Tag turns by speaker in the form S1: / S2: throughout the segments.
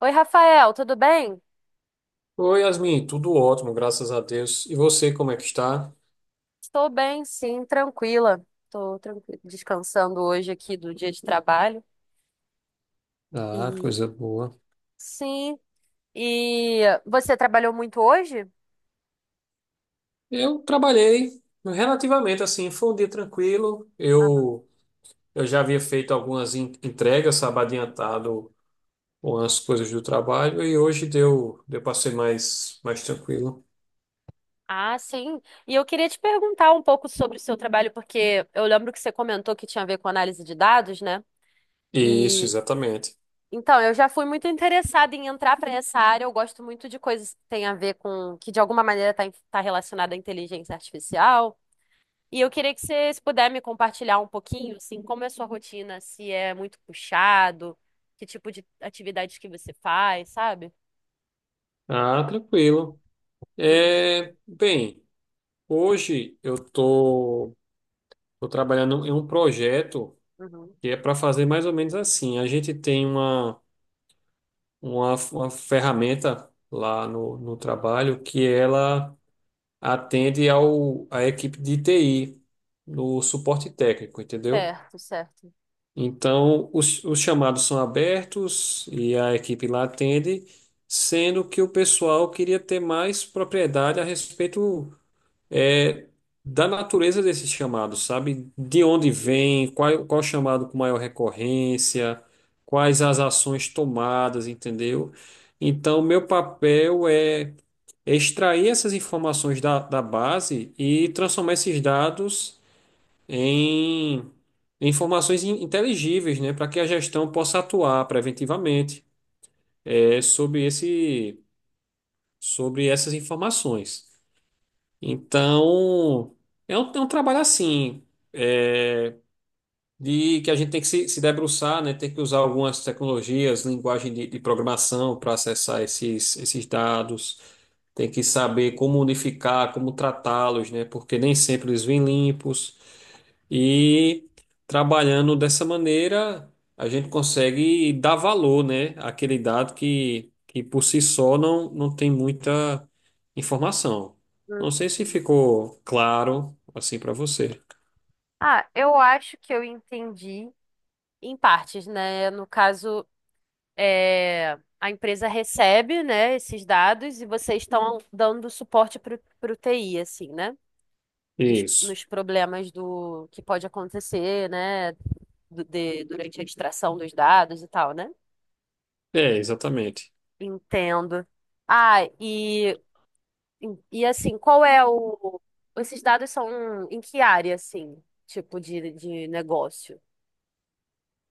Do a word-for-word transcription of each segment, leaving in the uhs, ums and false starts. S1: Oi, Rafael, tudo bem?
S2: Oi, Yasmin, tudo ótimo, graças a Deus. E você, como é que está?
S1: Estou bem, sim, tranquila. Estou tranqui- descansando hoje aqui do dia de trabalho.
S2: Ah,
S1: E
S2: coisa boa.
S1: sim, e você trabalhou muito hoje?
S2: Eu trabalhei relativamente assim, foi um dia tranquilo.
S1: Aham.
S2: Eu, eu já havia feito algumas en- entregas, sabe, adiantado umas coisas do trabalho e hoje deu, deu para ser mais, mais tranquilo.
S1: Ah, sim. E eu queria te perguntar um pouco sobre o seu trabalho, porque eu lembro que você comentou que tinha a ver com análise de dados, né?
S2: Isso,
S1: E
S2: exatamente.
S1: então, eu já fui muito interessada em entrar para essa área. Eu gosto muito de coisas que têm a ver com, que de alguma maneira está tá em- tá relacionada à inteligência artificial. E eu queria que você, se puder me compartilhar um pouquinho, assim, como é a sua rotina, se é muito puxado, que tipo de atividades que você faz, sabe?
S2: Ah, tranquilo.
S1: Uhum,
S2: É, bem, hoje eu tô, tô trabalhando em um projeto
S1: uhum.
S2: que é para fazer mais ou menos assim. A gente tem uma uma, uma ferramenta lá no, no trabalho que ela atende ao, à equipe de T I, no suporte técnico, entendeu?
S1: Certo, certo.
S2: Então, os, os chamados são abertos e a equipe lá atende, sendo que o pessoal queria ter mais propriedade a respeito é, da natureza desses chamados, sabe? De onde
S1: Uhum,
S2: vem, qual, qual chamado com maior recorrência, quais as ações tomadas, entendeu? Então, meu papel é é extrair essas informações da, da base e transformar esses dados em em informações in- inteligíveis, né, para que a gestão possa atuar preventivamente, é, sobre esse, sobre essas informações. Então, é um, é um trabalho assim. É, de que a gente tem que se, se debruçar, né? Tem que usar algumas tecnologias, linguagem de, de programação para acessar esses, esses dados, tem que saber como unificar, como tratá-los, né? Porque nem sempre eles vêm limpos. E trabalhando dessa maneira, a gente consegue dar valor, né, àquele dado que, que por si só não, não tem muita informação. Não sei se
S1: uhum.
S2: ficou claro assim para você.
S1: Ah, eu acho que eu entendi. Em partes, né? No caso, é, a empresa recebe, né, esses dados e vocês estão dando suporte para o T I, assim, né? Nos,
S2: Isso.
S1: nos problemas do que pode acontecer, né? Du- de- durante a extração dos dados e tal, né?
S2: É, exatamente.
S1: Entendo. Ah, e, e assim, qual é o. Esses dados são em que área, assim? Tipo de, de negócio?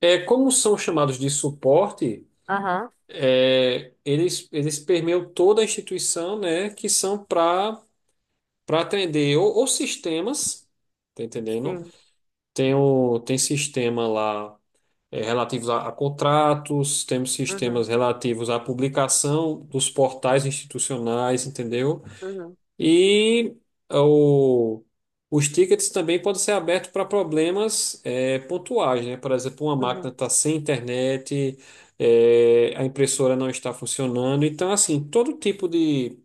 S2: É, como são chamados de suporte,
S1: Aham,
S2: é, eles, eles permeiam toda a instituição, né, que são para para atender ou, ou sistemas, tá entendendo?
S1: sim.
S2: Tem, o, tem sistema lá é, relativos a, a contratos, temos sistemas
S1: Uhum,
S2: relativos à publicação dos portais institucionais, entendeu?
S1: uhum,
S2: E eh, o- os tickets também podem ser abertos para problemas eh, pontuais, né? Por exemplo, uma máquina
S1: uhum.
S2: está sem internet, eh, a impressora não está funcionando. Então, assim, todo tipo de,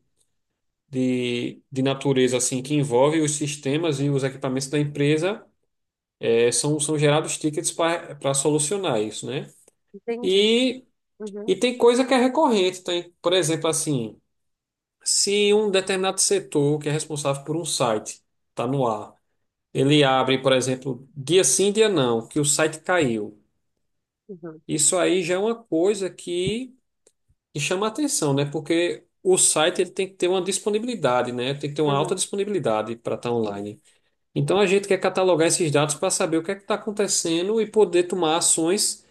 S2: de, de natureza assim que envolve os sistemas e os equipamentos da empresa eh, são, são gerados tickets para para solucionar isso, né?
S1: Entendi.
S2: E,
S1: Uhum,
S2: e tem coisa que é recorrente, tem, por exemplo, assim, se um determinado setor que é responsável por um site está no ar. Ele abre, por exemplo, dia sim, dia não, que o site caiu.
S1: uhum,
S2: Isso aí já é uma coisa que, que chama atenção, né? Porque o site ele tem que ter uma disponibilidade, né? Tem que ter uma alta
S1: uhum.
S2: disponibilidade para estar
S1: Sim.
S2: online. Então a gente quer catalogar esses dados para saber o que é que está acontecendo e poder tomar ações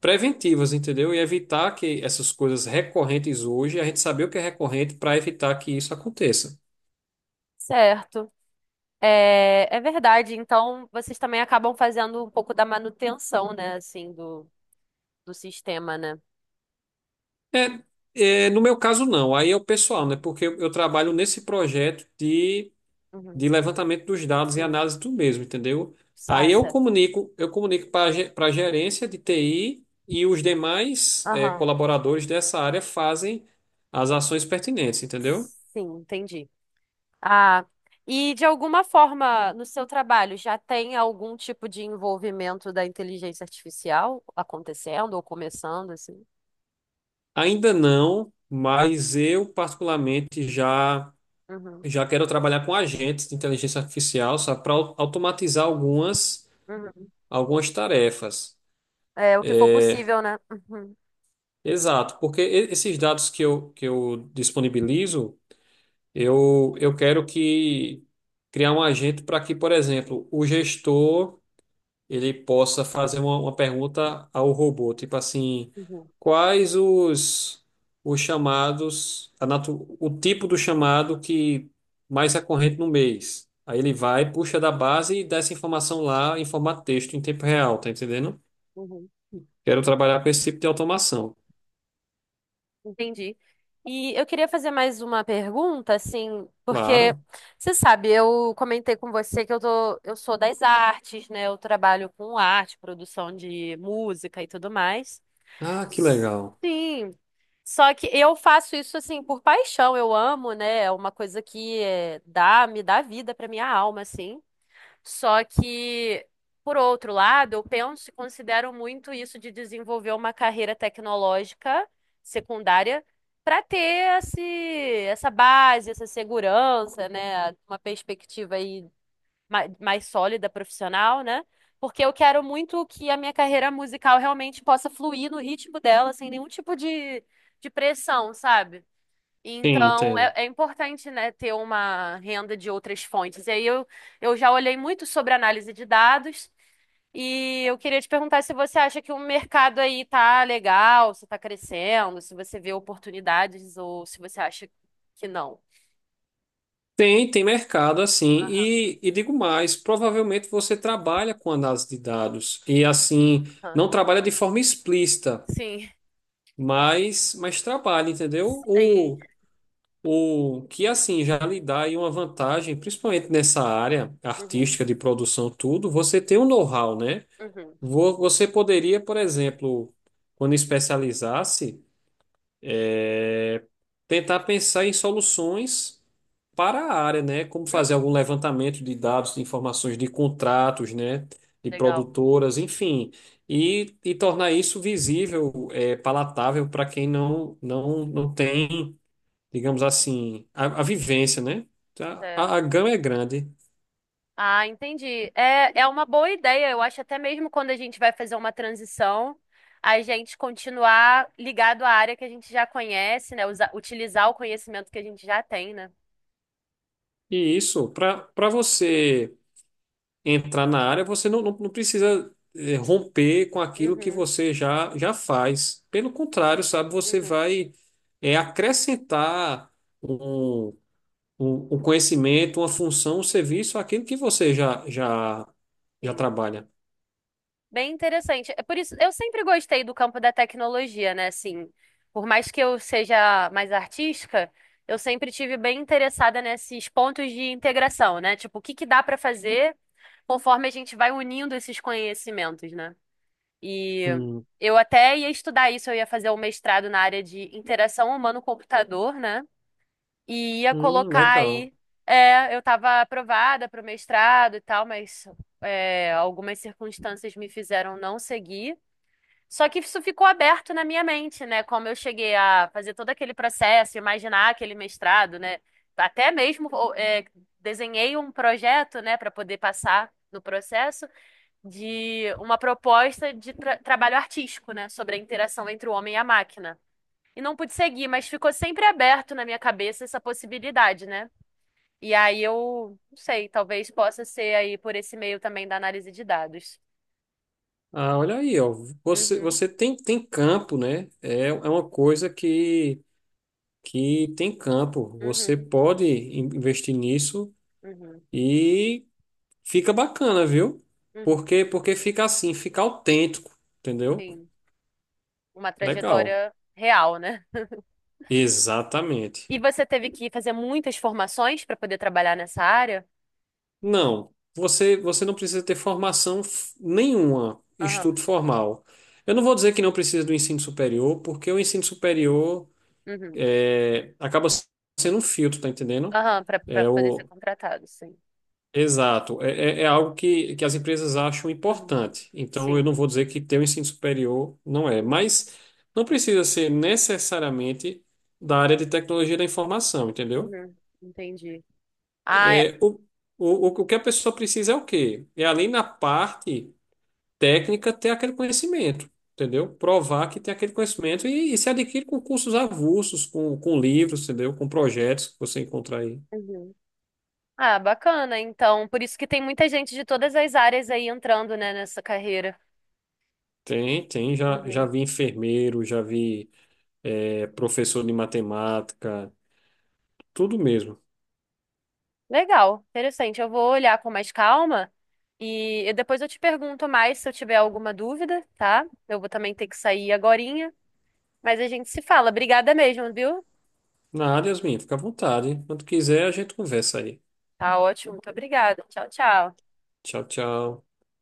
S2: preventivas, entendeu? E evitar que essas coisas recorrentes hoje, a gente saber o que é recorrente para evitar que isso aconteça.
S1: Certo. É, é verdade. Então, vocês também acabam fazendo um pouco da manutenção, né? Assim, do, do sistema, né?
S2: É, é, no meu caso, não. Aí é o pessoal, né?
S1: Uhum,
S2: Porque eu eu trabalho
S1: sim.
S2: nesse projeto de
S1: Uhum,
S2: de levantamento dos dados e
S1: sim.
S2: análise do mesmo, entendeu?
S1: Ah,
S2: Aí eu
S1: certo.
S2: comunico, eu comunico para a gerência de T I e os demais eh,
S1: Aham.
S2: colaboradores dessa área fazem as ações pertinentes, entendeu?
S1: Sim, entendi. Ah, e de alguma forma, no seu trabalho, já tem algum tipo de envolvimento da inteligência artificial acontecendo ou começando, assim?
S2: Ainda não, mas eu particularmente já
S1: Uhum,
S2: já quero trabalhar com agentes de inteligência artificial só para automatizar algumas
S1: uhum.
S2: algumas tarefas.
S1: É o que for possível, né? Uhum,
S2: Exato, porque e- esses dados que eu, que eu disponibilizo. Eu, eu quero que criar um agente para que, por exemplo, o gestor ele possa fazer uma, uma pergunta ao robô, tipo assim,
S1: uhum,
S2: quais os, os chamados, a natu, o tipo do chamado que mais é corrente no mês. Aí ele vai, puxa da base e dá essa informação lá em formato texto, em tempo real, tá entendendo?
S1: uhum.
S2: Quero trabalhar com esse tipo de automação.
S1: Entendi. E eu queria fazer mais uma pergunta, assim, porque
S2: Claro.
S1: você sabe, eu comentei com você que eu tô, eu sou das artes, né? Eu trabalho com arte, produção de música e tudo mais.
S2: Ah, que legal.
S1: Sim. Só que eu faço isso assim por paixão, eu amo, né? É uma coisa que é, dá, me dá vida pra minha alma, assim. Só que, por outro lado, eu penso e considero muito isso de desenvolver uma carreira tecnológica secundária para ter esse, essa base, essa segurança, né? Uma perspectiva aí ma- mais sólida, profissional, né? Porque eu quero muito que a minha carreira musical realmente possa fluir no ritmo dela, sem nenhum tipo de, de pressão, sabe?
S2: Sim,
S1: Então,
S2: entendo.
S1: é, é importante, né, ter uma renda de outras fontes. E aí eu, eu já olhei muito sobre análise de dados e eu queria te perguntar se você acha que o mercado aí tá legal, se tá crescendo, se você vê oportunidades ou se você acha que não.
S2: Tem, tem mercado assim.
S1: Aham,
S2: E, e digo mais, provavelmente você trabalha com análise de dados. E assim,
S1: aham.
S2: não trabalha de forma explícita,
S1: Sim.
S2: mas, mas trabalha, entendeu?
S1: Sim.
S2: O, o que assim já lhe dá aí uma vantagem, principalmente nessa área
S1: Uhum,
S2: artística de produção, tudo, você tem um know-how, né?
S1: uhum.
S2: Vo- Você poderia, por exemplo, quando especializasse, tentar pensar em soluções para a área, né? Como
S1: Uhum.
S2: fazer algum levantamento de dados, de informações de contratos, né? De
S1: Legal.
S2: produtoras, enfim, e, e tornar isso visível, é, palatável para quem não, não, não tem, digamos assim, a, a vivência, né? Tá?
S1: Certo.
S2: A, a gama é grande.
S1: Ah, entendi. É, é uma boa ideia. Eu acho até mesmo quando a gente vai fazer uma transição, a gente continuar ligado à área que a gente já conhece, né? Usa- utilizar o conhecimento que a gente já tem, né?
S2: E isso, para para você entrar na área, você não, não, não precisa eh, romper com aquilo que
S1: Uhum,
S2: você já, já faz. Pelo contrário, sabe, você
S1: uhum,
S2: vai eh, acrescentar um, um, um conhecimento, uma função, um serviço àquilo que você já, já, já
S1: sim.
S2: trabalha.
S1: Bem interessante. É por isso, eu sempre gostei do campo da tecnologia, né? Assim, por mais que eu seja mais artística, eu sempre tive bem interessada nesses pontos de integração, né? Tipo, o que que dá para fazer conforme a gente vai unindo esses conhecimentos, né? E
S2: Hum,
S1: eu até ia estudar isso, eu ia fazer um mestrado na área de interação humano-computador, né? E ia
S2: hum,
S1: colocar
S2: legal.
S1: aí. É, eu estava aprovada para o mestrado e tal, mas é, algumas circunstâncias me fizeram não seguir. Só que isso ficou aberto na minha mente, né? Como eu cheguei a fazer todo aquele processo, imaginar aquele mestrado, né? Até mesmo é, desenhei um projeto, né, para poder passar no processo de uma proposta de tra- trabalho artístico, né, sobre a interação entre o homem e a máquina. E não pude seguir, mas ficou sempre aberto na minha cabeça essa possibilidade, né? E aí eu, não sei, talvez possa ser aí por esse meio também da análise de dados.
S2: Ah, olha aí, ó. Você,
S1: Uhum,
S2: você tem, tem campo, né? É, é uma coisa que, que tem campo. Você
S1: uhum,
S2: pode in- investir nisso
S1: uhum,
S2: e. Fica bacana, viu?
S1: uhum.
S2: Porque porque fica assim, fica autêntico, entendeu?
S1: Sim, uma
S2: Legal.
S1: trajetória real, né?
S2: Exatamente.
S1: E você teve que fazer muitas formações para poder trabalhar nessa área?
S2: Não, você você não precisa ter formação f- nenhuma,
S1: Aham,
S2: estudo formal. Eu não vou dizer que não precisa do ensino superior, porque o ensino superior
S1: uhum,
S2: é, acaba sendo um filtro, tá entendendo?
S1: aham, para para
S2: É,
S1: poder ser
S2: o,
S1: contratado, sim.
S2: Exato. É, é, é algo que, que as empresas acham
S1: Uhum,
S2: importante. Então, eu não
S1: sim.
S2: vou dizer que ter o ensino superior não é,
S1: Uhum.
S2: mas não precisa ser necessariamente da área de tecnologia da informação, entendeu?
S1: Uhum. Entendi. Ah,
S2: É, o, o, o que a pessoa precisa é o quê? É, além da parte técnica, ter aquele conhecimento, entendeu? Provar que tem aquele conhecimento e, e se adquire com cursos avulsos, com, com livros, entendeu? Com projetos que você encontrar aí.
S1: uhum, ah, bacana. Então, por isso que tem muita gente de todas as áreas aí entrando, né, nessa carreira.
S2: Tem, tem. Já, já
S1: Uhum.
S2: vi enfermeiro, já vi é, professor de matemática, tudo mesmo.
S1: Legal, interessante. Eu vou olhar com mais calma e, e depois eu te pergunto mais se eu tiver alguma dúvida, tá? Eu vou também ter que sair agorinha, mas a gente se fala. Obrigada mesmo, viu?
S2: Na área, Yasmin, fica à vontade. Quando quiser, a gente conversa aí.
S1: Tá ótimo, muito obrigada. Tchau, tchau.
S2: Tchau, tchau.